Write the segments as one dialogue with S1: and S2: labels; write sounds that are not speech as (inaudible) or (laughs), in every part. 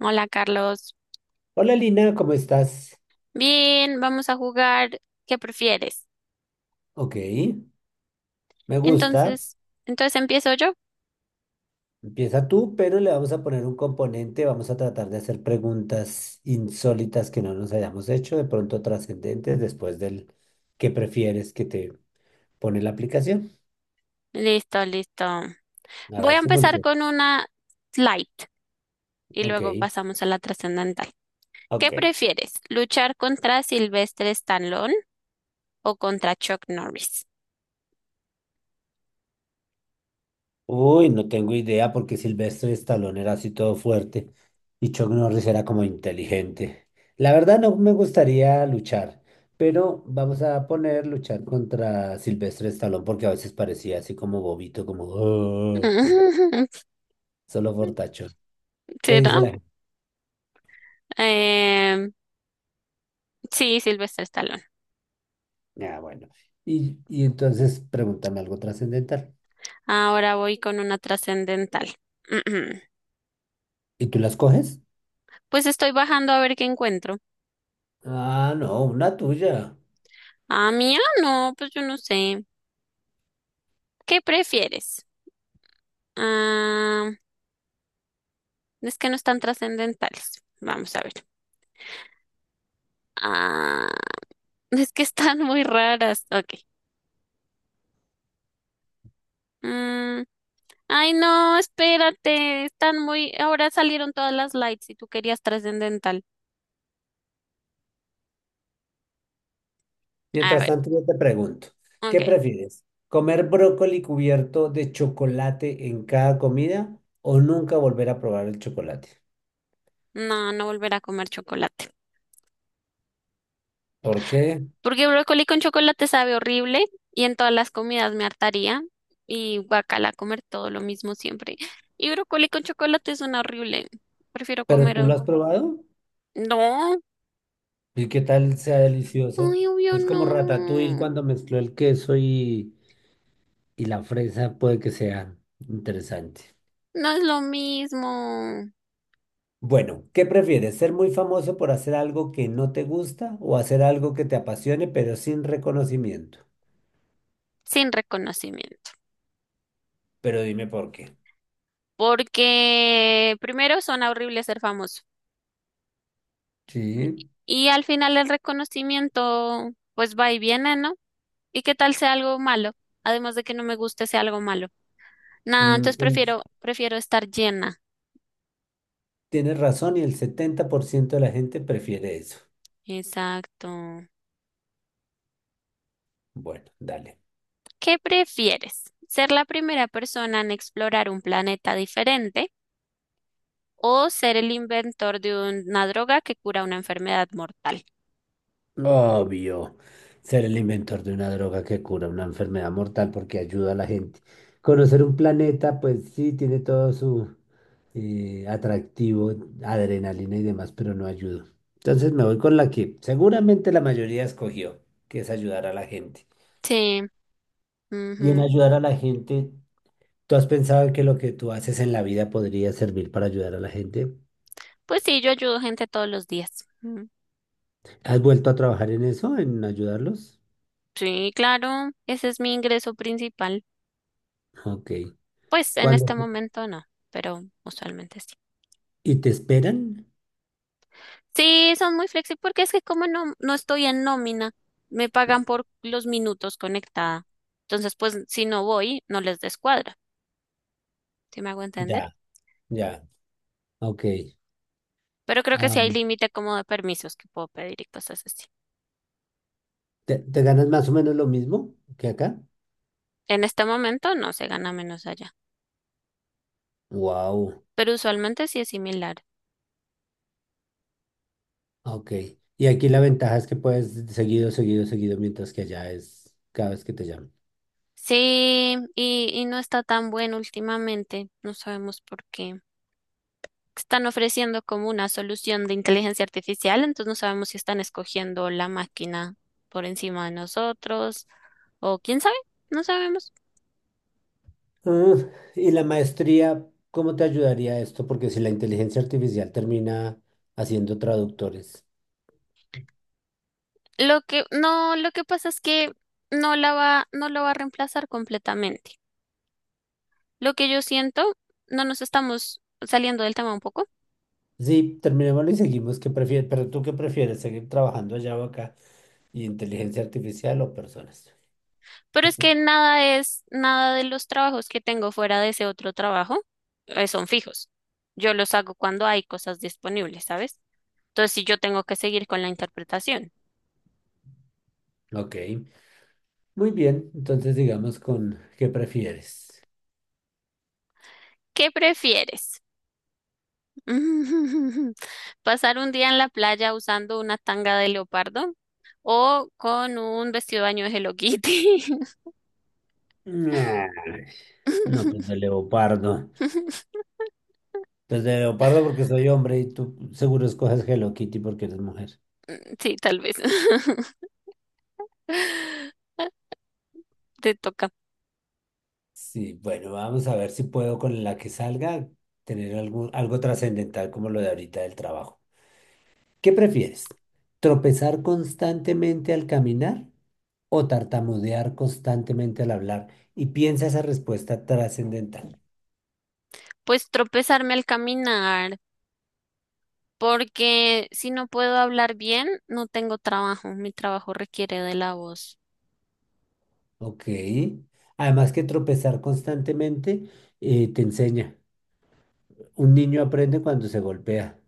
S1: Hola Carlos.
S2: Hola Lina, ¿cómo estás?
S1: Bien, vamos a jugar. ¿Qué prefieres?
S2: Ok, me gusta.
S1: Entonces, entonces empiezo yo.
S2: Empieza tú, pero le vamos a poner un componente. Vamos a tratar de hacer preguntas insólitas que no nos hayamos hecho, de pronto trascendentes, después del que prefieres que te pone la aplicación.
S1: Listo, listo.
S2: A
S1: Voy
S2: ver
S1: a
S2: si
S1: empezar
S2: funciona.
S1: con una light y
S2: Ok,
S1: luego pasamos a la trascendental. ¿Qué
S2: ok.
S1: prefieres? ¿Luchar contra Sylvester Stallone o contra Chuck Norris?
S2: Uy, no tengo idea porque Silvestre Stallone era así todo fuerte y Chuck Norris era como inteligente. La verdad no me gustaría luchar, pero vamos a poner luchar contra Silvestre Stallone porque a veces parecía así como bobito, como "Oh",
S1: (laughs)
S2: solo fortachón. ¿Qué
S1: Sí,
S2: dice
S1: ¿no?
S2: la gente?
S1: Em, sí, Sylvester Stallone.
S2: Ah, bueno. Y entonces pregúntame algo trascendental.
S1: Ahora voy con una trascendental. (clears throat)
S2: ¿Y tú las coges?
S1: Pues estoy bajando a ver qué encuentro.
S2: Ah, no, una tuya.
S1: Ah, mía, no, pues yo no sé. ¿Qué prefieres? Ah, es que no están trascendentales. Vamos a ver. Ah, (laughs) es que están muy raras. Ok. Mm, ay, no, espérate. Están muy. Ahora salieron todas las lights y tú querías trascendental. A
S2: Mientras
S1: ver,
S2: tanto, yo te pregunto, ¿qué
S1: ok.
S2: prefieres? ¿Comer brócoli cubierto de chocolate en cada comida o nunca volver a probar el chocolate?
S1: No, no volver a comer chocolate.
S2: ¿Por qué?
S1: Porque brócoli con chocolate sabe horrible y en todas las comidas me hartaría. Y guacala, comer todo lo mismo siempre. Y brócoli con chocolate suena horrible. Prefiero
S2: ¿Pero
S1: comer.
S2: tú lo
S1: Oh,
S2: has probado?
S1: no.
S2: ¿Y qué tal sea delicioso?
S1: Ay, obvio
S2: Es como ratatouille
S1: no.
S2: cuando mezcló el queso y la fresa, puede que sea interesante.
S1: No es lo mismo
S2: Bueno, ¿qué prefieres? ¿Ser muy famoso por hacer algo que no te gusta o hacer algo que te apasione pero sin reconocimiento?
S1: sin reconocimiento.
S2: Pero dime por qué.
S1: Porque primero suena horrible ser famoso.
S2: Sí.
S1: Y al final el reconocimiento, pues va y viene, ¿no? ¿Y qué tal sea algo malo? Además de que no me guste sea algo malo. Nada,
S2: Mm,
S1: entonces
S2: que-
S1: prefiero estar llena.
S2: Tienes razón y el 70% de la gente prefiere eso.
S1: Exacto.
S2: Bueno, dale.
S1: ¿Qué prefieres? ¿Ser la primera persona en explorar un planeta diferente o ser el inventor de una droga que cura una enfermedad mortal?
S2: Obvio, ser el inventor de una droga que cura una enfermedad mortal porque ayuda a la gente. Conocer un planeta, pues sí, tiene todo su atractivo, adrenalina y demás, pero no ayuda. Entonces me voy con la que seguramente la mayoría escogió, que es ayudar a la gente.
S1: Sí.
S2: Y en
S1: Ujú.
S2: ayudar a la gente, ¿tú has pensado que lo que tú haces en la vida podría servir para ayudar a la gente?
S1: Pues sí, yo ayudo gente todos los días. Mm.
S2: ¿Has vuelto a trabajar en eso, en ayudarlos?
S1: Sí, claro, ese es mi ingreso principal.
S2: Ok.
S1: Pues en
S2: ¿Cuándo?
S1: este momento no, pero usualmente sí.
S2: ¿Y te esperan?
S1: Sí, son muy flexibles porque es que como no estoy en nómina, me pagan por los minutos conectada. Entonces, pues si no voy, no les descuadra, ¿sí me hago entender?
S2: Ya, ya. Ok.
S1: Pero creo que
S2: Ah,
S1: sí hay límite como de permisos que puedo pedir y cosas así.
S2: ¿te ganas más o menos lo mismo que acá?
S1: En este momento no se gana menos allá,
S2: Wow.
S1: pero usualmente sí es similar.
S2: Ok. Y aquí la ventaja es que puedes seguido, seguido, seguido, mientras que allá es cada vez que te llaman.
S1: Sí, y no está tan bueno últimamente, no sabemos por qué. Están ofreciendo como una solución de inteligencia artificial, entonces no sabemos si están escogiendo la máquina por encima de nosotros o quién sabe, no sabemos.
S2: Ah, y la maestría, ¿cómo te ayudaría esto? Porque si la inteligencia artificial termina haciendo traductores.
S1: Lo que pasa es que no lo va a reemplazar completamente. Lo que yo siento, no nos estamos saliendo del tema un poco.
S2: Sí, terminémoslo y seguimos. ¿Qué prefieres? Pero tú qué prefieres, ¿seguir trabajando allá o acá? ¿Y inteligencia artificial o personas?
S1: Pero es que nada de los trabajos que tengo fuera de ese otro trabajo son fijos. Yo los hago cuando hay cosas disponibles, ¿sabes? Entonces, si yo tengo que seguir con la interpretación,
S2: Ok, muy bien. Entonces digamos con ¿qué prefieres?
S1: ¿qué prefieres? (laughs) ¿Pasar un día en la playa usando una tanga de leopardo o con un vestido de baño de Hello Kitty?
S2: Nah, no, pues de
S1: (laughs)
S2: leopardo. Pues de leopardo porque soy hombre y tú seguro escoges Hello Kitty porque eres mujer.
S1: Sí, tal vez. (laughs) Te toca.
S2: Sí, bueno, vamos a ver si puedo con la que salga tener algo, algo trascendental como lo de ahorita del trabajo. ¿Qué prefieres? ¿Tropezar constantemente al caminar o tartamudear constantemente al hablar? Y piensa esa respuesta trascendental.
S1: Pues tropezarme al caminar, porque si no puedo hablar bien, no tengo trabajo. Mi trabajo requiere de la voz.
S2: Ok. Además que tropezar constantemente te enseña. Un niño aprende cuando se golpea.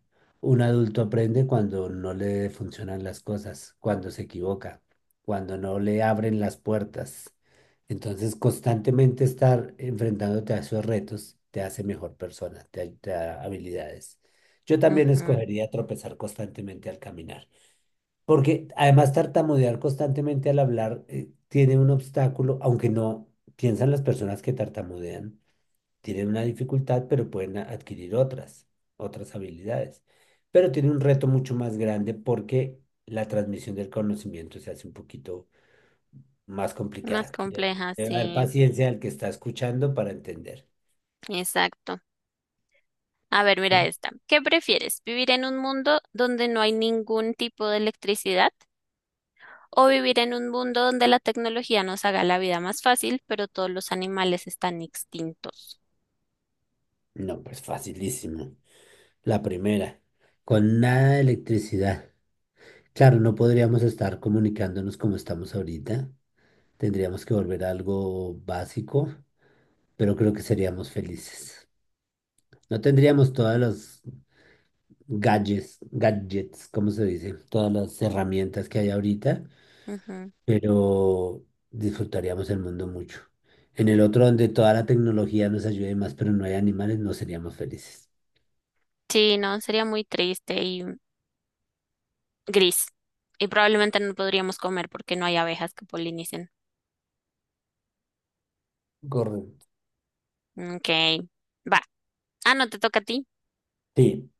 S2: Un adulto aprende cuando no le funcionan las cosas, cuando se equivoca, cuando no le abren las puertas. Entonces, constantemente estar enfrentándote a esos retos te hace mejor persona, te da habilidades. Yo también
S1: Ujú.
S2: escogería tropezar constantemente al caminar. Porque además tartamudear constantemente al hablar tiene un obstáculo, aunque no piensan las personas que tartamudean, tienen una dificultad, pero pueden adquirir otras habilidades. Pero tiene un reto mucho más grande porque la transmisión del conocimiento se hace un poquito más
S1: Más
S2: complicada.
S1: compleja,
S2: Debe haber
S1: sí.
S2: paciencia al que está escuchando para entender.
S1: Exacto. A ver,
S2: ¿Sí?
S1: mira esta. ¿Qué prefieres? ¿Vivir en un mundo donde no hay ningún tipo de electricidad? ¿O vivir en un mundo donde la tecnología nos haga la vida más fácil, pero todos los animales están extintos?
S2: No, pues facilísimo. La primera, con nada de electricidad. Claro, no podríamos estar comunicándonos como estamos ahorita. Tendríamos que volver a algo básico, pero creo que seríamos felices. No tendríamos todas las gadgets, ¿cómo se dice? Todas las herramientas que hay ahorita,
S1: Ujú.
S2: pero disfrutaríamos el mundo mucho. En el otro, donde toda la tecnología nos ayude más, pero no hay animales, no seríamos felices.
S1: Sí, no, sería muy triste y gris. Y probablemente no podríamos comer porque no hay abejas que polinicen.
S2: Correcto.
S1: Ok, va. Ah, no, te toca a ti.
S2: Sí.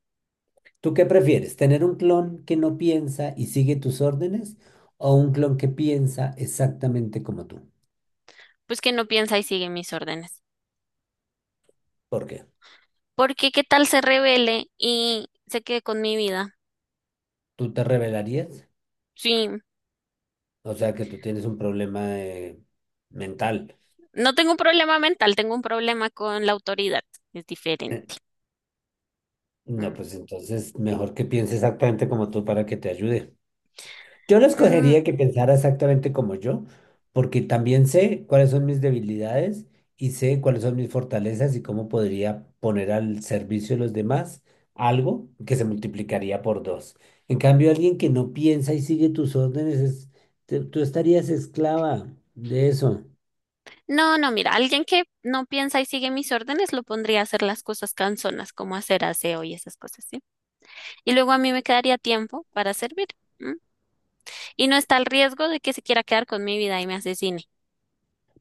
S2: ¿Tú qué prefieres? ¿Tener un clon que no piensa y sigue tus órdenes o un clon que piensa exactamente como tú?
S1: Pues que no piensa y sigue mis órdenes.
S2: ¿Por qué?
S1: Porque qué tal se revele y se quede con mi vida.
S2: ¿Tú te rebelarías?
S1: Sí,
S2: O sea, que tú tienes un problema mental.
S1: no tengo un problema mental, tengo un problema con la autoridad. Es
S2: Eh,
S1: diferente.
S2: No,
S1: Mm.
S2: pues entonces mejor que piense exactamente como tú para que te ayude. Yo lo
S1: Mm.
S2: escogería que pensara exactamente como yo, porque también sé cuáles son mis debilidades y sé cuáles son mis fortalezas y cómo podría poner al servicio de los demás algo que se multiplicaría por 2. En cambio, alguien que no piensa y sigue tus órdenes, tú estarías esclava de eso.
S1: No, mira, alguien que no piensa y sigue mis órdenes lo pondría a hacer las cosas cansonas, como hacer aseo y esas cosas, ¿sí? Y luego a mí me quedaría tiempo para servir. ¿M? Y no está el riesgo de que se quiera quedar con mi vida y me asesine.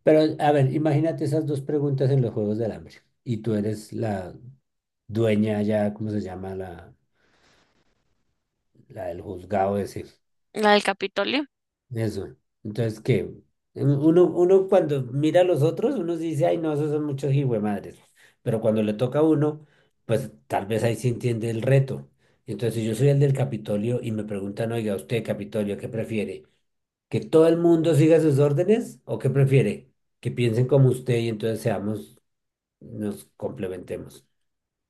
S2: Pero, a ver, imagínate esas dos preguntas en los Juegos del Hambre y tú eres la dueña ya, ¿cómo se llama? La del juzgado ese.
S1: La del Capitolio.
S2: Eso. Entonces, ¿qué? Uno cuando mira a los otros, uno sí dice, ay, no, esos son muchos hijuemadres. Pero cuando le toca a uno, pues tal vez ahí se entiende el reto. Entonces, si yo soy el del Capitolio y me preguntan, oiga, usted, Capitolio, ¿qué prefiere? ¿Que todo el mundo siga sus órdenes o qué prefiere? Que piensen como usted y entonces seamos, nos complementemos.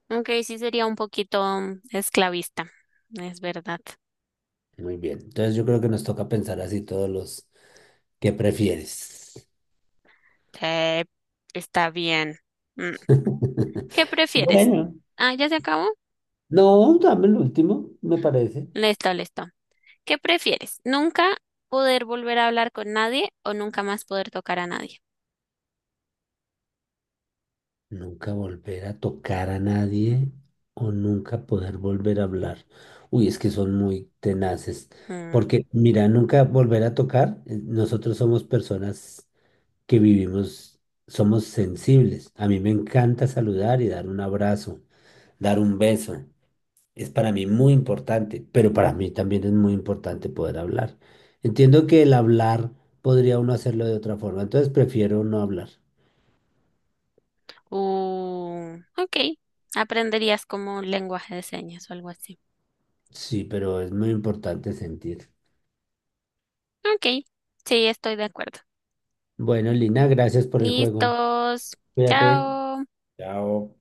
S1: Aunque sí sería un poquito esclavista, es verdad.
S2: Muy bien. Entonces, yo creo que nos toca pensar así todos los, ¿qué prefieres?
S1: Sí, está bien. Mm.
S2: (laughs)
S1: ¿Qué prefieres?
S2: Bueno.
S1: Ah, ¿ya se acabó?
S2: No, dame el último, me parece.
S1: Listo, listo. ¿Qué prefieres? ¿Nunca poder volver a hablar con nadie o nunca más poder tocar a nadie?
S2: Nunca volver a tocar a nadie o nunca poder volver a hablar. Uy, es que son muy tenaces.
S1: Mm.
S2: Porque, mira, nunca volver a tocar, nosotros somos personas que vivimos, somos sensibles. A mí me encanta saludar y dar un abrazo, dar un beso. Es para mí muy importante, pero para mí también es muy importante poder hablar. Entiendo que el hablar podría uno hacerlo de otra forma, entonces prefiero no hablar.
S1: Ok. Aprenderías como lenguaje de señas o algo así.
S2: Sí, pero es muy importante sentir.
S1: Ok. Sí, estoy de acuerdo.
S2: Bueno, Lina, gracias por el juego.
S1: Listos.
S2: Cuídate.
S1: Chao.
S2: Chao.